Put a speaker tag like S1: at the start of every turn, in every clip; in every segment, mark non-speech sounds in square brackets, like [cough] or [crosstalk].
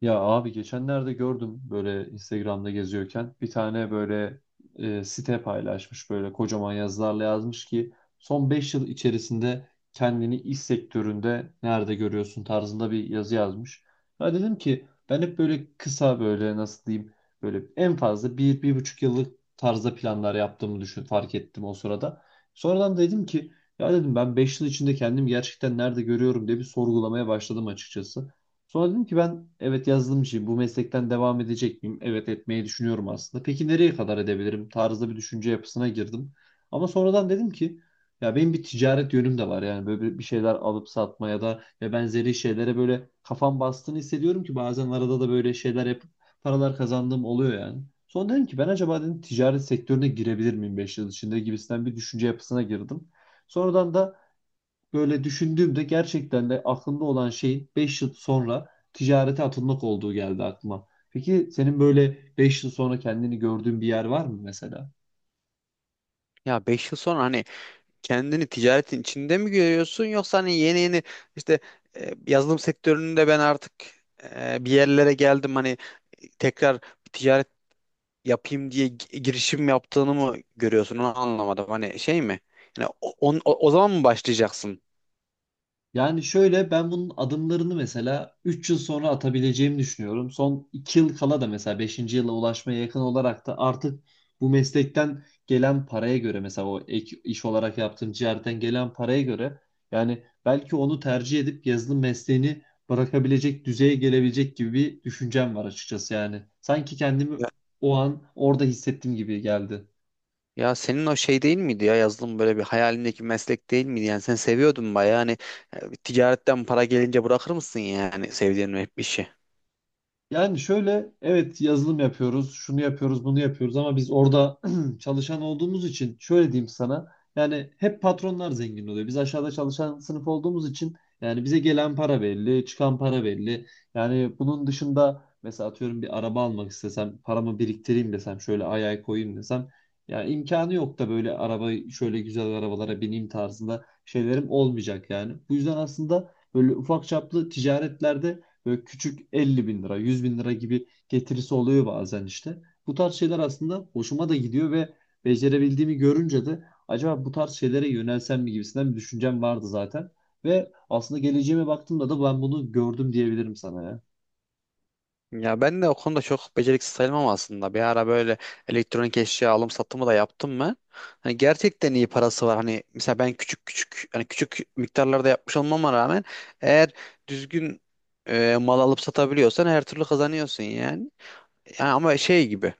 S1: Ya abi geçenlerde gördüm böyle Instagram'da geziyorken bir tane böyle site paylaşmış, böyle kocaman yazılarla yazmış ki son 5 yıl içerisinde kendini iş sektöründe nerede görüyorsun tarzında bir yazı yazmış. Ya dedim ki ben hep böyle kısa, böyle nasıl diyeyim, böyle en fazla bir, bir buçuk yıllık tarzda planlar yaptığımı düşün fark ettim o sırada. Sonradan dedim ki ya dedim, ben 5 yıl içinde kendimi gerçekten nerede görüyorum diye bir sorgulamaya başladım açıkçası. Sonra dedim ki ben, evet, yazılımcıyım. Bu meslekten devam edecek miyim? Evet, etmeyi düşünüyorum aslında. Peki nereye kadar edebilirim, tarzda bir düşünce yapısına girdim. Ama sonradan dedim ki ya benim bir ticaret yönüm de var. Yani böyle bir şeyler alıp satma ya da ve benzeri şeylere böyle kafam bastığını hissediyorum ki bazen arada da böyle şeyler yapıp paralar kazandığım oluyor yani. Sonra dedim ki ben acaba dedim ticaret sektörüne girebilir miyim 5 yıl içinde, gibisinden bir düşünce yapısına girdim. Sonradan da böyle düşündüğümde gerçekten de aklımda olan şeyin 5 yıl sonra ticarete atılmak olduğu geldi aklıma. Peki senin böyle 5 yıl sonra kendini gördüğün bir yer var mı mesela?
S2: Ya 5 yıl sonra hani kendini ticaretin içinde mi görüyorsun yoksa hani yeni yeni işte yazılım sektöründe ben artık bir yerlere geldim hani tekrar bir ticaret yapayım diye girişim yaptığını mı görüyorsun onu anlamadım. Hani şey mi? Yani o zaman mı başlayacaksın?
S1: Yani şöyle, ben bunun adımlarını mesela 3 yıl sonra atabileceğimi düşünüyorum. Son 2 yıl kala da mesela beşinci yıla ulaşmaya yakın olarak da artık bu meslekten gelen paraya göre, mesela o ek iş olarak yaptığım ciğerden gelen paraya göre, yani belki onu tercih edip yazılım mesleğini bırakabilecek düzeye gelebilecek gibi bir düşüncem var açıkçası yani. Sanki kendimi
S2: Ya,
S1: o an orada hissettiğim gibi geldi.
S2: ya senin o şey değil miydi ya yazılım böyle bir hayalindeki meslek değil miydi? Yani sen seviyordun bayağı hani ticaretten para gelince bırakır mısın yani sevdiğin bir işi?
S1: Yani şöyle, evet yazılım yapıyoruz, şunu yapıyoruz, bunu yapıyoruz ama biz orada [clears throat] çalışan olduğumuz için şöyle diyeyim sana. Yani hep patronlar zengin oluyor. Biz aşağıda çalışan sınıf olduğumuz için yani bize gelen para belli, çıkan para belli. Yani bunun dışında mesela atıyorum bir araba almak istesem, paramı biriktireyim desem, şöyle ay ay koyayım desem, yani imkanı yok da böyle araba şöyle güzel arabalara bineyim tarzında şeylerim olmayacak yani. Bu yüzden aslında böyle ufak çaplı ticaretlerde böyle küçük 50 bin lira, 100 bin lira gibi getirisi oluyor bazen işte. Bu tarz şeyler aslında hoşuma da gidiyor ve becerebildiğimi görünce de acaba bu tarz şeylere yönelsem mi, gibisinden bir düşüncem vardı zaten. Ve aslında geleceğime baktığımda da ben bunu gördüm diyebilirim sana ya.
S2: Ya ben de o konuda çok beceriksiz sayılmam aslında. Bir ara böyle elektronik eşya alım satımı da yaptım ben. Hani gerçekten iyi parası var. Hani mesela ben küçük küçük hani küçük miktarlarda yapmış olmama rağmen eğer düzgün mal alıp satabiliyorsan her türlü kazanıyorsun yani. Yani ama şey gibi.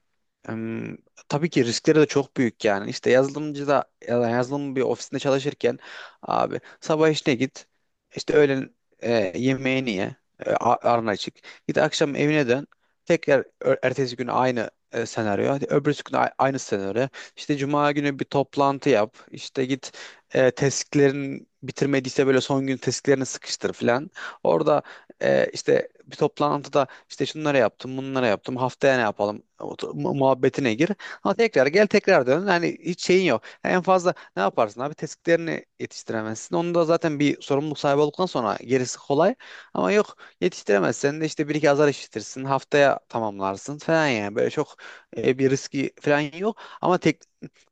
S2: em, tabii ki riskleri de çok büyük yani. İşte yazılımcıda ya da yazılım bir ofisinde çalışırken abi sabah işine git. İşte öğlen yemeğini ye. Arna çık. Git akşam evine dön. Tekrar ertesi gün aynı senaryo. Hadi öbürsü gün aynı senaryo. İşte cuma günü bir toplantı yap. İşte git tesklerin bitirmediyse böyle son gün tesklerini sıkıştır falan. Orada işte bir toplantıda işte şunları yaptım, bunları yaptım, haftaya ne yapalım o muhabbetine gir. Ama tekrar gel tekrar dön. Yani hiç şeyin yok. En fazla ne yaparsın abi? Tespitlerini yetiştiremezsin. Onu da zaten bir sorumluluk sahibi olduktan sonra gerisi kolay. Ama yok yetiştiremezsen de işte bir iki azar işitirsin. Haftaya tamamlarsın falan yani. Böyle çok bir riski falan yok. Ama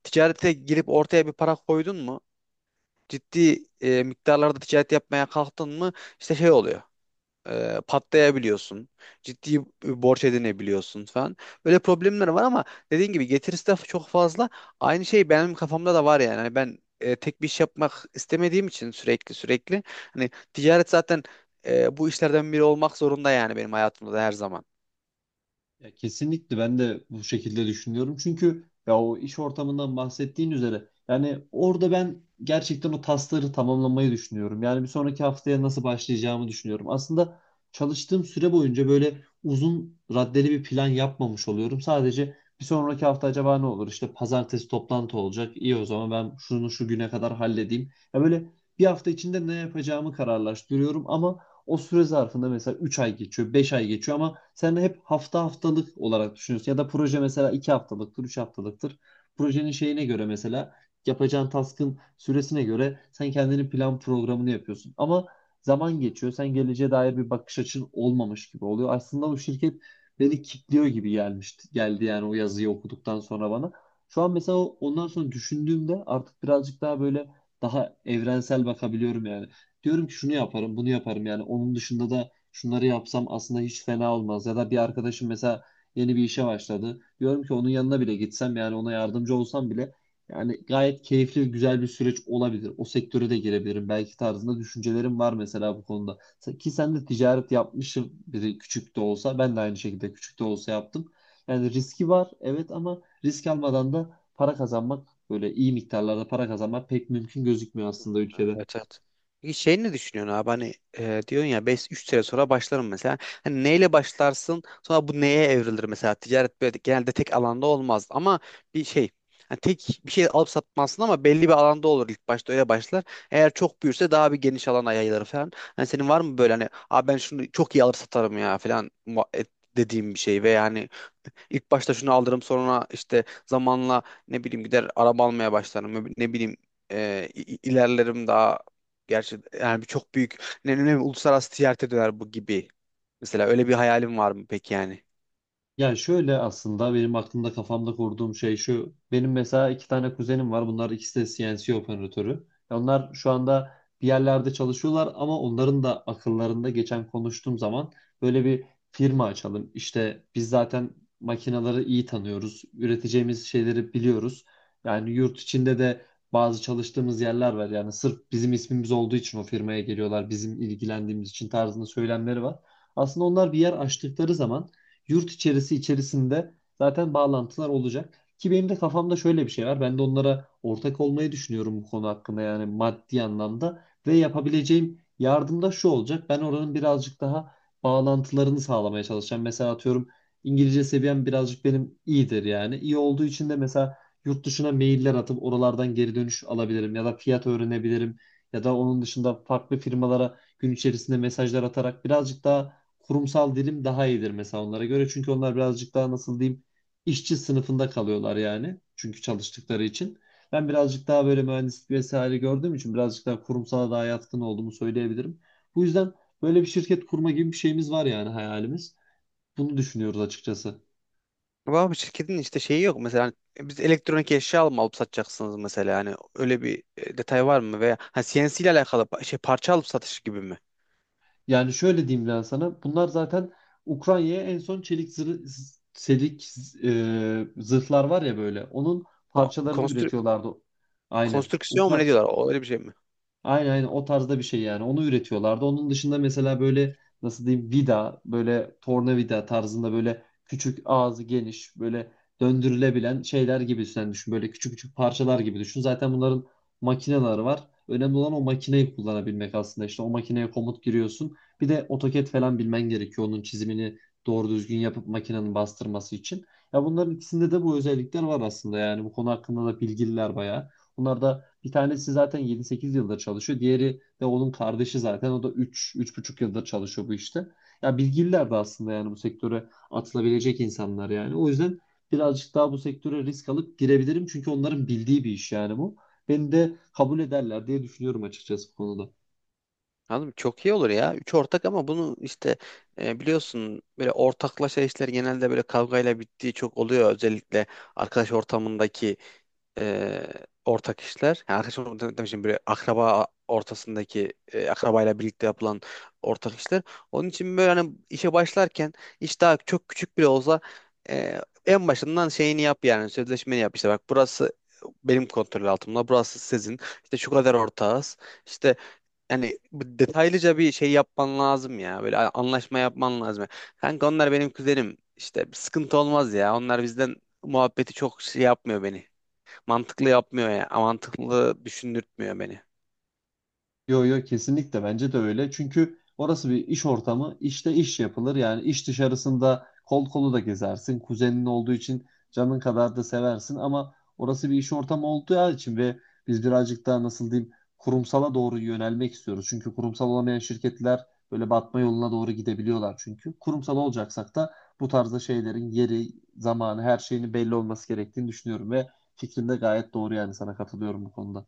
S2: ticarete girip ortaya bir para koydun mu? Ciddi miktarlarda ticaret yapmaya kalktın mı? İşte şey oluyor, patlayabiliyorsun. Ciddi bir borç edinebiliyorsun falan. Böyle problemler var ama dediğin gibi getirisi de çok fazla. Aynı şey benim kafamda da var yani. Hani ben tek bir iş yapmak istemediğim için sürekli sürekli. Hani ticaret zaten bu işlerden biri olmak zorunda yani benim hayatımda da her zaman.
S1: Ya kesinlikle, ben de bu şekilde düşünüyorum. Çünkü ya o iş ortamından bahsettiğin üzere yani orada ben gerçekten o tasları tamamlamayı düşünüyorum. Yani bir sonraki haftaya nasıl başlayacağımı düşünüyorum. Aslında çalıştığım süre boyunca böyle uzun raddeli bir plan yapmamış oluyorum. Sadece bir sonraki hafta acaba ne olur? İşte pazartesi toplantı olacak. İyi, o zaman ben şunu şu güne kadar halledeyim. Ya böyle bir hafta içinde ne yapacağımı kararlaştırıyorum ama o süre zarfında mesela 3 ay geçiyor, 5 ay geçiyor ama sen hep hafta haftalık olarak düşünüyorsun. Ya da proje mesela 2 haftalıktır, 3 haftalıktır. Projenin şeyine göre, mesela yapacağın task'ın süresine göre sen kendini plan programını yapıyorsun. Ama zaman geçiyor. Sen geleceğe dair bir bakış açın olmamış gibi oluyor. Aslında bu şirket beni kilitliyor gibi gelmişti. Geldi yani, o yazıyı okuduktan sonra bana. Şu an mesela ondan sonra düşündüğümde artık birazcık daha böyle daha evrensel bakabiliyorum yani. Diyorum ki şunu yaparım, bunu yaparım, yani onun dışında da şunları yapsam aslında hiç fena olmaz. Ya da bir arkadaşım mesela yeni bir işe başladı. Diyorum ki onun yanına bile gitsem, yani ona yardımcı olsam bile yani gayet keyifli ve güzel bir süreç olabilir. O sektöre de girebilirim belki, tarzında düşüncelerim var mesela bu konuda. Ki sen de ticaret yapmışsın biri küçük de olsa, ben de aynı şekilde küçük de olsa yaptım. Yani riski var evet, ama risk almadan da para kazanmak, böyle iyi miktarlarda para kazanmak pek mümkün gözükmüyor aslında ülkede.
S2: Evet, evet. Peki şey ne düşünüyorsun abi hani diyorsun ya 3 sene sonra başlarım mesela. Hani neyle başlarsın sonra bu neye evrilir mesela? Ticaret böyle genelde tek alanda olmaz ama bir şey, hani tek bir şey alıp satmazsın ama belli bir alanda olur, ilk başta öyle başlar. Eğer çok büyürse daha bir geniş alana yayılır falan. Hani senin var mı böyle hani abi ben şunu çok iyi alıp satarım ya falan dediğim bir şey ve yani İlk başta şunu alırım sonra işte zamanla ne bileyim gider araba almaya başlarım, ne bileyim, ilerlerim daha. Gerçi yani bir çok büyük uluslararası ticarete döner bu gibi. Mesela öyle bir hayalim var mı peki yani?
S1: Yani şöyle, aslında benim aklımda, kafamda kurduğum şey şu. Benim mesela iki tane kuzenim var. Bunlar ikisi de CNC operatörü. Ya, onlar şu anda bir yerlerde çalışıyorlar ama onların da akıllarında geçen, konuştuğum zaman, böyle bir firma açalım. İşte biz zaten makineleri iyi tanıyoruz. Üreteceğimiz şeyleri biliyoruz. Yani yurt içinde de bazı çalıştığımız yerler var. Yani sırf bizim ismimiz olduğu için o firmaya geliyorlar. Bizim ilgilendiğimiz için, tarzında söylemleri var. Aslında onlar bir yer açtıkları zaman yurt içerisinde zaten bağlantılar olacak. Ki benim de kafamda şöyle bir şey var. Ben de onlara ortak olmayı düşünüyorum bu konu hakkında, yani maddi anlamda. Ve yapabileceğim yardım da şu olacak. Ben oranın birazcık daha bağlantılarını sağlamaya çalışacağım. Mesela atıyorum, İngilizce seviyem birazcık benim iyidir yani. İyi olduğu için de mesela yurt dışına mailler atıp oralardan geri dönüş alabilirim ya da fiyat öğrenebilirim, ya da onun dışında farklı firmalara gün içerisinde mesajlar atarak birazcık daha kurumsal dilim daha iyidir mesela onlara göre. Çünkü onlar birazcık daha, nasıl diyeyim, işçi sınıfında kalıyorlar yani. Çünkü çalıştıkları için. Ben birazcık daha böyle mühendislik vesaire gördüğüm için birazcık daha kurumsala daha yatkın olduğumu söyleyebilirim. Bu yüzden böyle bir şirket kurma gibi bir şeyimiz var, yani hayalimiz. Bunu düşünüyoruz açıkçası.
S2: Ama abi şirketin işte şeyi yok mesela, hani biz elektronik eşya alıp satacaksınız mesela yani öyle bir detay var mı, veya CNC ile alakalı parça alıp satışı gibi mi?
S1: Yani şöyle diyeyim ben sana. Bunlar zaten Ukrayna'ya en son çelik zırh, çelik zırhlar var ya böyle. Onun
S2: Ko
S1: parçalarını
S2: konstrü
S1: üretiyorlardı. Aynen.
S2: konstrüksiyon mu ne diyorlar, o öyle bir şey mi?
S1: Aynen aynen, o tarzda bir şey yani. Onu üretiyorlardı. Onun dışında mesela böyle, nasıl diyeyim, vida, böyle tornavida tarzında, böyle küçük ağzı geniş, böyle döndürülebilen şeyler gibi sen düşün. Böyle küçük küçük parçalar gibi düşün. Zaten bunların makineleri var. Önemli olan o makineyi kullanabilmek aslında. İşte o makineye komut giriyorsun. Bir de AutoCAD falan bilmen gerekiyor. Onun çizimini doğru düzgün yapıp makinenin bastırması için. Ya bunların ikisinde de bu özellikler var aslında yani. Bu konu hakkında da bilgililer bayağı. Bunlar da bir tanesi zaten 7-8 yıldır çalışıyor. Diğeri de onun kardeşi zaten. O da 3 buçuk yıldır çalışıyor bu işte. Ya bilgililer de aslında yani, bu sektöre atılabilecek insanlar yani. O yüzden birazcık daha bu sektöre risk alıp girebilirim. Çünkü onların bildiği bir iş yani bu. Beni de kabul ederler diye düşünüyorum açıkçası bu konuda.
S2: Anladım. Çok iyi olur ya. Üç ortak ama bunu işte biliyorsun böyle ortaklaşa işler genelde böyle kavgayla bittiği çok oluyor. Özellikle arkadaş ortamındaki e, ortak işler. Yani arkadaş ortamında demişim, böyle akraba ortasındaki akrabayla birlikte yapılan ortak işler. Onun için böyle hani işe başlarken iş daha çok küçük bile olsa, e, en başından şeyini yap yani sözleşmeni yap, işte bak burası benim kontrol altımda, burası sizin, işte şu kadar ortağız. İşte yani bu detaylıca bir şey yapman lazım ya. Böyle anlaşma yapman lazım. Kanka onlar benim kuzenim. İşte bir sıkıntı olmaz ya. Onlar bizden muhabbeti çok şey yapmıyor beni. Mantıklı yapmıyor ya. Mantıklı düşündürtmüyor beni.
S1: Yo yo, kesinlikle bence de öyle. Çünkü orası bir iş ortamı. İşte iş yapılır. Yani iş dışarısında kol kolu da gezersin. Kuzenin olduğu için canın kadar da seversin ama orası bir iş ortamı olduğu için ve biz birazcık daha, nasıl diyeyim, kurumsala doğru yönelmek istiyoruz. Çünkü kurumsal olamayan şirketler böyle batma yoluna doğru gidebiliyorlar çünkü. Kurumsal olacaksak da bu tarzda şeylerin yeri, zamanı, her şeyinin belli olması gerektiğini düşünüyorum ve fikrin de gayet doğru yani, sana katılıyorum bu konuda.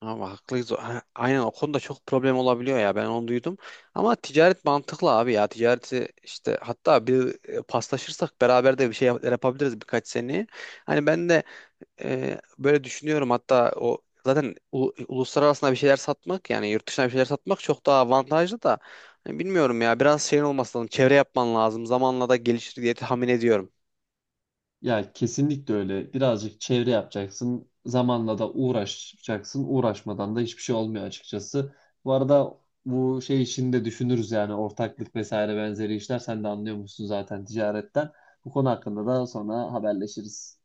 S2: Ama haklıyız. Ha, Aynen, o konuda çok problem olabiliyor ya. Ben onu duydum. Ama ticaret mantıklı abi ya. Ticareti işte hatta bir paslaşırsak beraber de bir şey yapabiliriz birkaç seneye. Hani ben de böyle düşünüyorum, hatta o zaten uluslararasına bir şeyler satmak yani yurt dışına bir şeyler satmak çok daha avantajlı da. Hani bilmiyorum ya, biraz şeyin olması lazım, çevre yapman lazım, zamanla da gelişir diye tahmin ediyorum.
S1: Ya kesinlikle öyle. Birazcık çevre yapacaksın. Zamanla da uğraşacaksın. Uğraşmadan da hiçbir şey olmuyor açıkçası. Bu arada bu şey işini de düşünürüz yani, ortaklık vesaire benzeri işler. Sen de anlıyormuşsun zaten ticaretten. Bu konu hakkında da sonra haberleşiriz.